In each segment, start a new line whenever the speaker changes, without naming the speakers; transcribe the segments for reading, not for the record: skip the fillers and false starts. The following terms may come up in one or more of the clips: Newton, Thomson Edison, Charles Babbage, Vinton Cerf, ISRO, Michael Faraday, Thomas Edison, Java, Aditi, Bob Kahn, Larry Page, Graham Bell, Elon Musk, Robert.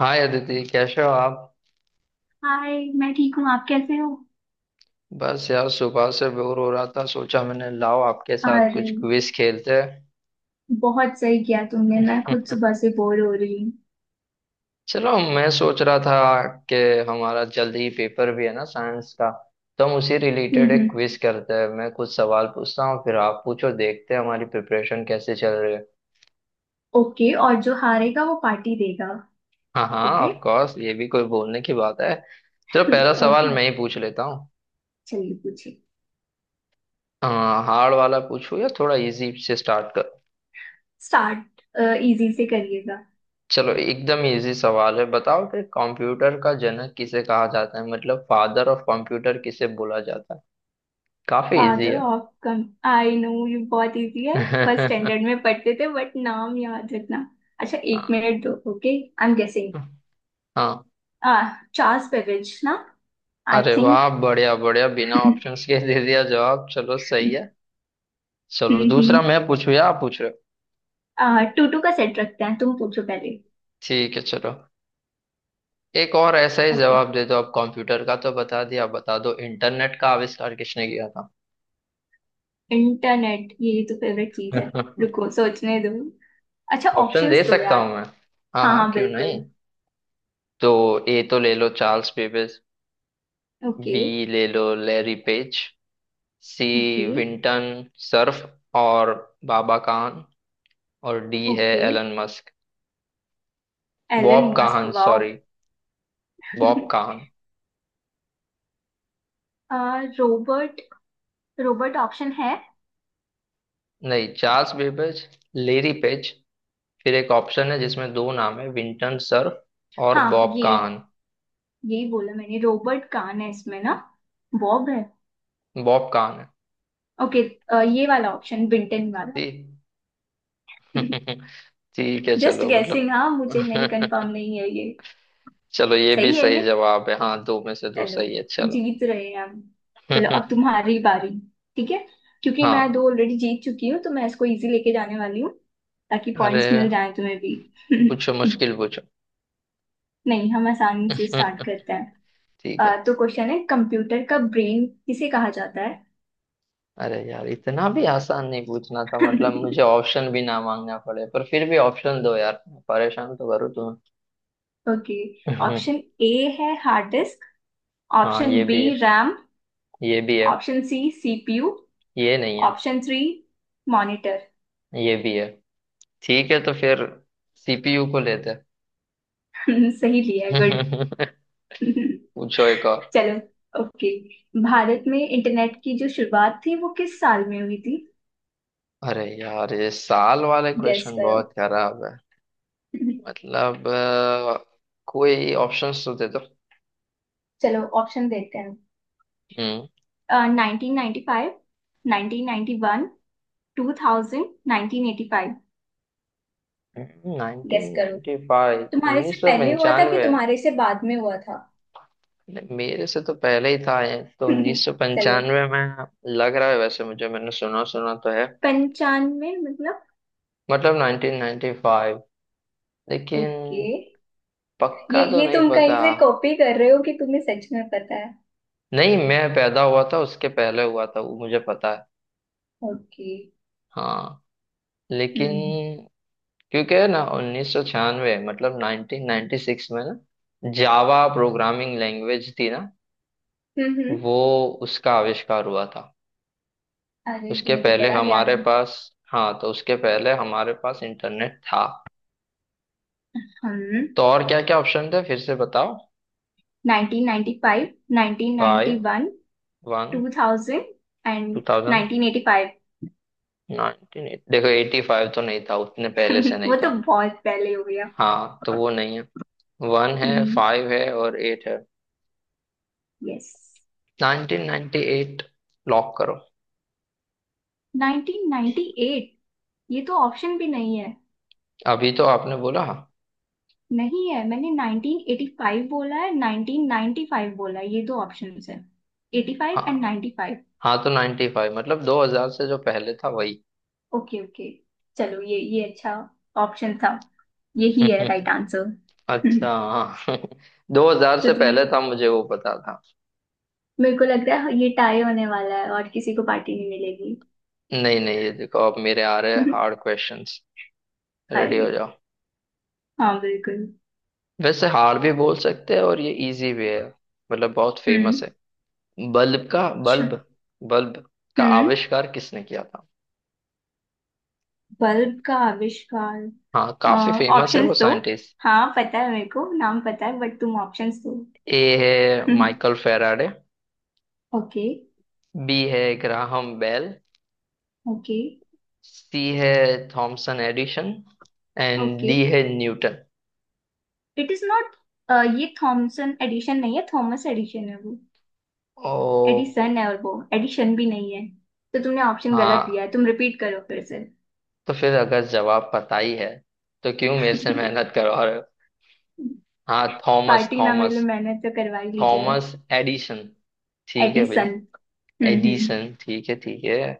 हाय अदिति, कैसे हो आप।
हाय। मैं ठीक हूँ, आप कैसे हो?
बस यार, सुबह से बोर हो रहा था, सोचा मैंने लाओ आपके साथ
अरे,
कुछ क्विज खेलते
बहुत सही किया तुमने। मैं खुद सुबह
हैं।
से बोर हो रही हूँ।
चलो, मैं सोच रहा था कि हमारा जल्दी ही पेपर भी है ना, साइंस का, तो हम उसी रिलेटेड
हम्म।
एक क्विज करते हैं। मैं कुछ सवाल पूछता हूँ, फिर आप पूछो, देखते हैं हमारी प्रिपरेशन कैसे चल रही है।
ओके, और जो हारेगा वो पार्टी देगा।
हाँ हाँ,
ओके।
ऑफ कोर्स, ये भी कोई बोलने की बात है। चलो, पहला सवाल
ओके,
मैं ही पूछ लेता हूँ।
चलिए पूछिए।
हार्ड वाला पूछूं या थोड़ा इजी से स्टार्ट।
स्टार्ट, इजी से करिएगा।
चलो, एकदम इजी सवाल है, बताओ कि कंप्यूटर का जनक किसे कहा जाता है, मतलब फादर ऑफ कंप्यूटर किसे बोला जाता है। काफी इजी
फादर
है।
ऑफ कम आई नो ये बहुत इजी है। फर्स्ट स्टैंडर्ड में पढ़ते थे, बट नाम याद रखना। अच्छा, एक
हाँ
मिनट दो। ओके। I am guessing.
हाँ,
आ चार्ल्स बेबेज ना। आई
अरे
थिंक।
वाह, बढ़िया बढ़िया, बिना
हम्म।
ऑप्शंस के दे दिया जवाब, चलो सही है। चलो, दूसरा मैं पूछू या आप पूछ रहे हो।
टू टू का सेट रखते हैं, तुम पूछो पहले।
ठीक है चलो। एक और ऐसा ही
ओके।
जवाब दे दो आप, कंप्यूटर का तो बता दिया, बता दो इंटरनेट का आविष्कार किसने किया था।
इंटरनेट? ये तो फेवरेट चीज है। रुको, सोचने दो। अच्छा,
ऑप्शन दे
ऑप्शंस दो
सकता हूँ
यार।
मैं, हाँ
हाँ
हाँ
हाँ,
क्यों
बिल्कुल।
नहीं। तो ए तो ले लो चार्ल्स बेबेज,
ओके
बी ले लो Larry Page, C
okay
Vinton Cerf और बाबा काहन, और डी है
okay,
Elon Musk.
Elon
Bob
Musk,
Kahn
wow.
Sorry, Bob Kahn.
आ, रोबर्ट रोबर्ट ऑप्शन है?
नहीं, चार्ल्स बेबेज, लेरी पेज, फिर एक ऑप्शन है जिसमें दो नाम है, विंटन सर्फ और
हाँ
बॉब
ये,
काहन।
यही बोला मैंने। रोबर्ट कान है इसमें ना? बॉब है।
बॉब काहन है।
ओके। ये वाला ऑप्शन, बिंटन वाला।
ठीक। ठीक है
जस्ट
चलो,
गेसिंग।
मतलब।
हाँ, मुझे नहीं, कंफर्म नहीं है ये।
चलो, ये भी
सही
सही
है।
जवाब है, हाँ दो में से दो
चलो,
सही है, चलो।
जीत रहे हैं हम। चलो, अब तुम्हारी बारी। ठीक है। क्योंकि मैं
हाँ,
दो ऑलरेडी जीत चुकी हूँ, तो मैं इसको इजी लेके जाने वाली हूँ। ताकि
अरे
पॉइंट्स मिल जाए तुम्हें भी।
पूछो, मुश्किल पूछो।
नहीं, हम आसानी से स्टार्ट
ठीक
करते हैं।
है।
तो क्वेश्चन है, कंप्यूटर का ब्रेन किसे कहा जाता है?
अरे यार, इतना भी आसान नहीं पूछना था, मतलब मुझे ऑप्शन भी ना मांगना पड़े, पर फिर भी ऑप्शन दो यार, परेशान तो करूँ
ओके।
तुम्हें।
ऑप्शन ए है हार्ड डिस्क।
हाँ
ऑप्शन
ये
बी,
भी है।
रैम।
ये भी है।
Option C, CPU.
ये नहीं है।
Option three, monitor.
ये भी है। ठीक है तो फिर सीपीयू को लेते हैं।
सही लिया है, गुड।
पूछो एक और।
चलो। ओके। भारत में इंटरनेट की जो शुरुआत थी, वो किस साल में हुई थी?
अरे यार, ये साल वाले
गेस
क्वेश्चन
करो।
बहुत खराब है। मतलब कोई ऑप्शंस तो दे दो।
चलो, ऑप्शन देते हैं।
हम्म,
1995, 1991, 2000, 1985।
नाइनटीन
गेस करो,
नाइन्टी फाइव
तुम्हारे से
उन्नीस सौ
पहले हुआ था कि
पंचानवे
तुम्हारे से बाद में हुआ था?
नहीं, मेरे से तो पहले ही था ये, तो उन्नीस सौ
चलो,
पंचानवे में लग रहा है वैसे मुझे, मैंने सुना सुना तो है,
95 मतलब।
मतलब 1995। लेकिन
ओके। ये
पक्का तो
ये
नहीं
तुम कहीं
पता।
से कॉपी कर रहे हो कि तुम्हें सच में पता है?
नहीं, मैं पैदा हुआ था उसके पहले हुआ था वो, मुझे पता है।
ओके।
हाँ
हम्म
लेकिन, क्योंकि है ना, 1996, मतलब 1996 में ना जावा प्रोग्रामिंग लैंग्वेज थी ना
हम्म हम्म।
वो, उसका आविष्कार हुआ था
अरे,
उसके
तुम्हें तो
पहले,
बड़ा ज्ञान
हमारे
है।
पास, हाँ तो उसके पहले हमारे पास इंटरनेट था।
हम।
तो और क्या क्या ऑप्शन थे फिर से बताओ।
1995,
five,
1991,
one,
2000 and
two thousand,
1985।
Nineteen. देखो, एटी फाइव तो नहीं था, उतने पहले से नहीं
वो तो
था।
बहुत पहले हो गया।
हाँ तो वो नहीं है। वन है, फाइव है और एट है।
यस।
1998, लॉक करो।
1998? ये तो ऑप्शन भी नहीं है।
अभी तो आपने बोला हाँ।
नहीं है। मैंने 1985 बोला है, 1995 बोला है, ये दो ऑप्शन है। 85 एंड
हाँ
95।
हाँ, तो नाइन्टी फाइव मतलब दो हजार से जो पहले था वही।
ओके ओके, चलो, ये अच्छा ऑप्शन था। यही है राइट आंसर। तो
अच्छा हाँ। दो हजार से
तुम्हें
पहले था, मुझे वो पता था।
मेरे को लग रहा है ये टाई होने वाला है और किसी को पार्टी नहीं मिलेगी।
नहीं नहीं, ये देखो, अब मेरे आ रहे हार्ड क्वेश्चंस, रेडी
हाय।
हो जाओ।
हाँ, बिल्कुल।
वैसे हार भी बोल सकते हैं, और ये इजी भी है, मतलब बहुत फेमस
हम्म।
है। बल्ब का,
अच्छा।
बल्ब, बल्ब का
हम्म,
आविष्कार किसने किया था।
बल्ब का आविष्कार?
हाँ, काफी फेमस है
ऑप्शंस
वो
दो।
साइंटिस्ट।
हाँ पता है, मेरे को नाम पता है, बट तुम ऑप्शंस दो।
ए है माइकल फेराडे,
ओके
बी है ग्राहम बेल,
ओके
सी है Thomson Edison, and
okay,
D है न्यूटन।
It is not. ये थॉमसन एडिशन नहीं है, थॉमस एडिशन है वो।
ओ,
एडिसन है, और वो एडिशन भी नहीं है। तो तुमने ऑप्शन गलत दिया
हाँ
है, तुम रिपीट करो फिर से।
तो फिर अगर जवाब पता ही है, तो क्यों मेरे से मेहनत करो और। हाँ, थॉमस
पार्टी ना मिले,
थॉमस
मैंने तो करवा ही ली जाए।
थॉमस एडिशन, ठीक है भाई।
एडिसन। हम्म।
एडिसन, ठीक है ठीक है।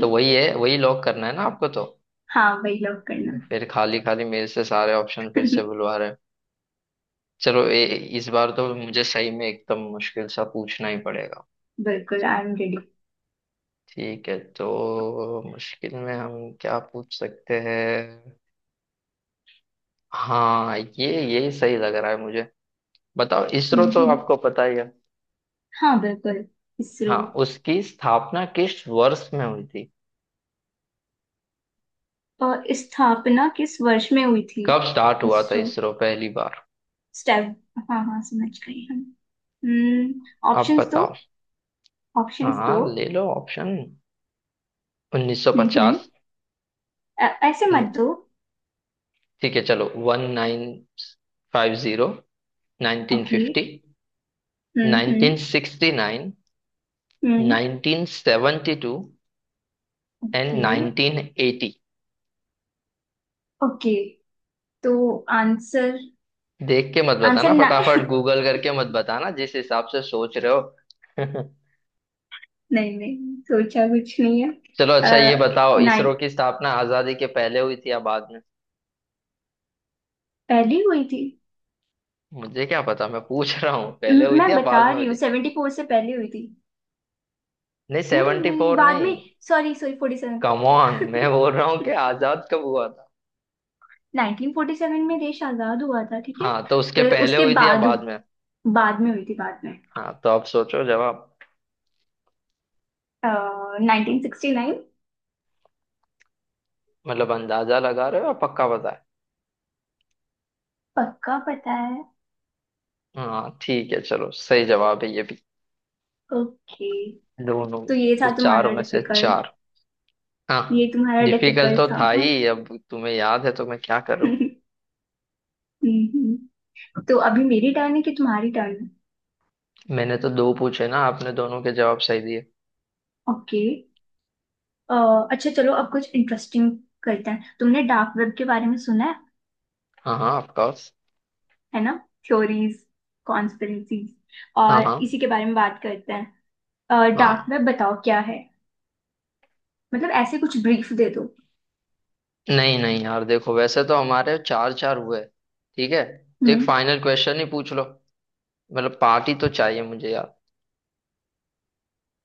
तो वही है, वही लॉक करना है ना आपको, तो
हाँ, वही लॉक करना।
फिर खाली खाली मेरे से सारे ऑप्शन फिर से बुलवा रहे हैं। चलो, इस बार तो मुझे सही में एकदम मुश्किल सा पूछना ही पड़ेगा।
बिल्कुल, आई एम रेडी।
ठीक है, तो मुश्किल में हम क्या पूछ सकते हैं। हाँ, ये सही लग रहा है मुझे। बताओ, इसरो तो
हम्म।
आपको पता ही है।
हाँ बिल्कुल, इसरो।
हाँ, उसकी स्थापना किस वर्ष में हुई थी,
अ, स्थापना किस वर्ष में हुई थी?
कब स्टार्ट हुआ था
इसरो,
इसरो पहली बार।
स्टेप, हाँ हाँ समझ गई हम। हम्म,
आप
ऑप्शंस दो।
बताओ।
ऑप्शंस दो।
हाँ ले लो ऑप्शन,
हम्म,
1950,
ऐसे मत दो।
ठीक है चलो, 1950,
ओके।
1950,
हम्म हम्म
1969,
हम्म।
1972 एंड
ओके
1980।
ओके, तो आंसर।
देख के मत
आंसर
बताना,
ना।
फटाफट गूगल करके मत बताना जिस हिसाब से सोच रहे हो।
नहीं नहीं, सोचा कुछ नहीं है।
चलो, अच्छा ये बताओ, इसरो
नाइन,
की स्थापना आजादी के पहले हुई थी या बाद में।
पहली हुई थी।
मुझे क्या पता, मैं पूछ रहा हूँ, पहले हुई थी
मैं
या
बता
बाद में
रही
हुई
हूँ,
थी।
74 से पहले हुई थी।
नहीं,
नहीं
सेवेंटी
नहीं,
फोर
बाद में।
नहीं,
सॉरी सॉरी, 47।
कम ऑन, मैं बोल रहा हूँ कि आजाद कब हुआ।
1947 में देश आजाद हुआ था, ठीक है।
हाँ तो उसके
फिर
पहले
उसके
हुई थी या
बाद,
बाद में।
बाद में हुई थी, बाद में।
हाँ तो आप सोचो जवाब।
1969।
मतलब अंदाजा लगा रहे हो या पक्का बताए।
पक्का पता है।
हाँ ठीक है, चलो, सही जवाब है ये भी,
ओके,
दोनों।
तो ये
तो
था
चार
तुम्हारा
में से
डिफिकल्ट।
चार।
ये
हाँ।
तुम्हारा
डिफिकल्ट
डिफिकल्ट
तो
था,
था
हाँ।
ही, अब तुम्हें याद है तो मैं क्या करूँ।
हम्म। तो अभी मेरी टर्न है कि तुम्हारी टर्न है?
मैंने तो दो पूछे ना, आपने दोनों के जवाब सही दिए।
ओके, अच्छा, चलो अब कुछ इंटरेस्टिंग करते हैं। तुमने डार्क वेब के बारे में सुना,
हाँ हाँ ऑफकोर्स।
है ना? थ्योरीज, कॉन्स्पिरेसीज, और
हाँ हाँ।
इसी के बारे में बात करते हैं। डार्क
हाँ,
वेब बताओ क्या है, मतलब ऐसे कुछ ब्रीफ दे दो।
नहीं नहीं यार, देखो वैसे तो हमारे चार चार हुए, ठीक है, तो एक
हम्म,
फाइनल क्वेश्चन ही पूछ लो, मतलब पार्टी तो चाहिए मुझे यार।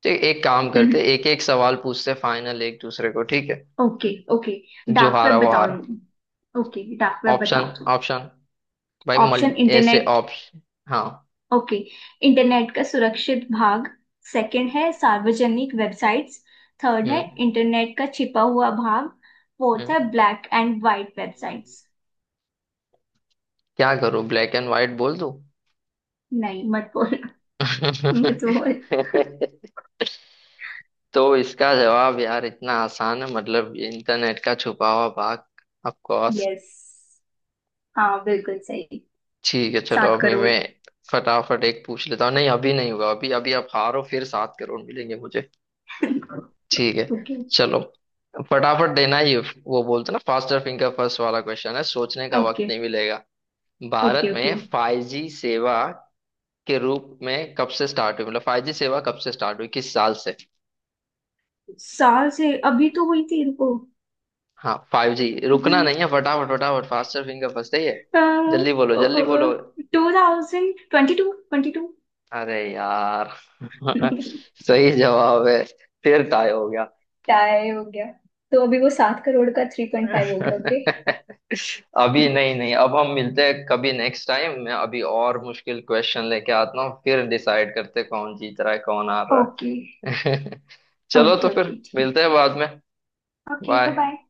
तो एक काम करते, एक एक सवाल पूछते फाइनल, एक दूसरे को, ठीक है,
ओके ओके,
जो
डार्क
हारा
वेब
वो
बताओ
हारा।
तुम। ओके, डार्क वेब
ऑप्शन,
बताओ तुम।
ऑप्शन, भाई
ऑप्शन,
मल्टी ऐसे
इंटरनेट,
ऑप्शन। हाँ।
ओके। इंटरनेट का सुरक्षित भाग। सेकंड है सार्वजनिक वेबसाइट्स। थर्ड है
हम्म
इंटरनेट का छिपा हुआ भाग। फोर्थ
हम्म।
है ब्लैक एंड वाइट वेबसाइट्स।
क्या करूं, ब्लैक एंड व्हाइट बोल दूं।
नहीं, मत बोल। मत बोल।
तो इसका जवाब यार इतना आसान है, मतलब ये इंटरनेट का छुपा हुआ भाग, ऑफ कोर्स।
यस, हाँ बिल्कुल सही।
ठीक है चलो,
सात
अभी
करोड़
मैं फटाफट एक पूछ लेता हूँ। नहीं अभी नहीं हुआ, अभी अभी आप हारो फिर 7 करोड़ मिलेंगे मुझे। ठीक है
ओके
चलो, फटाफट देना, ये वो बोलते ना फास्टर फिंगर फर्स्ट वाला क्वेश्चन है, सोचने का वक्त
ओके
नहीं मिलेगा। भारत
ओके ओके,
में 5G सेवा के रूप में कब से स्टार्ट हुई, मतलब 5G सेवा कब से स्टार्ट हुई, किस साल से।
साल से? अभी तो हुई थी इनको।
हाँ, 5G, रुकना नहीं है, फटाफट फटाफट, फास्टर फिंगर फर्स्ट है ये, जल्दी बोलो जल्दी बोलो।
2022, 22।
अरे यार। सही जवाब है, फिर टाई हो।
टाई हो गया। तो अभी वो 7 करोड़ का 3.5 हो गया। ओके
अभी नहीं नहीं, अब हम मिलते हैं कभी नेक्स्ट टाइम, मैं अभी और मुश्किल क्वेश्चन लेके आता हूँ, फिर डिसाइड करते हैं कौन जीत रहा है कौन हार
ओके
रहा है। चलो तो
ओके,
फिर
ओके
मिलते
ठीक
हैं बाद में,
है, ओके, बाय
बाय।
बाय।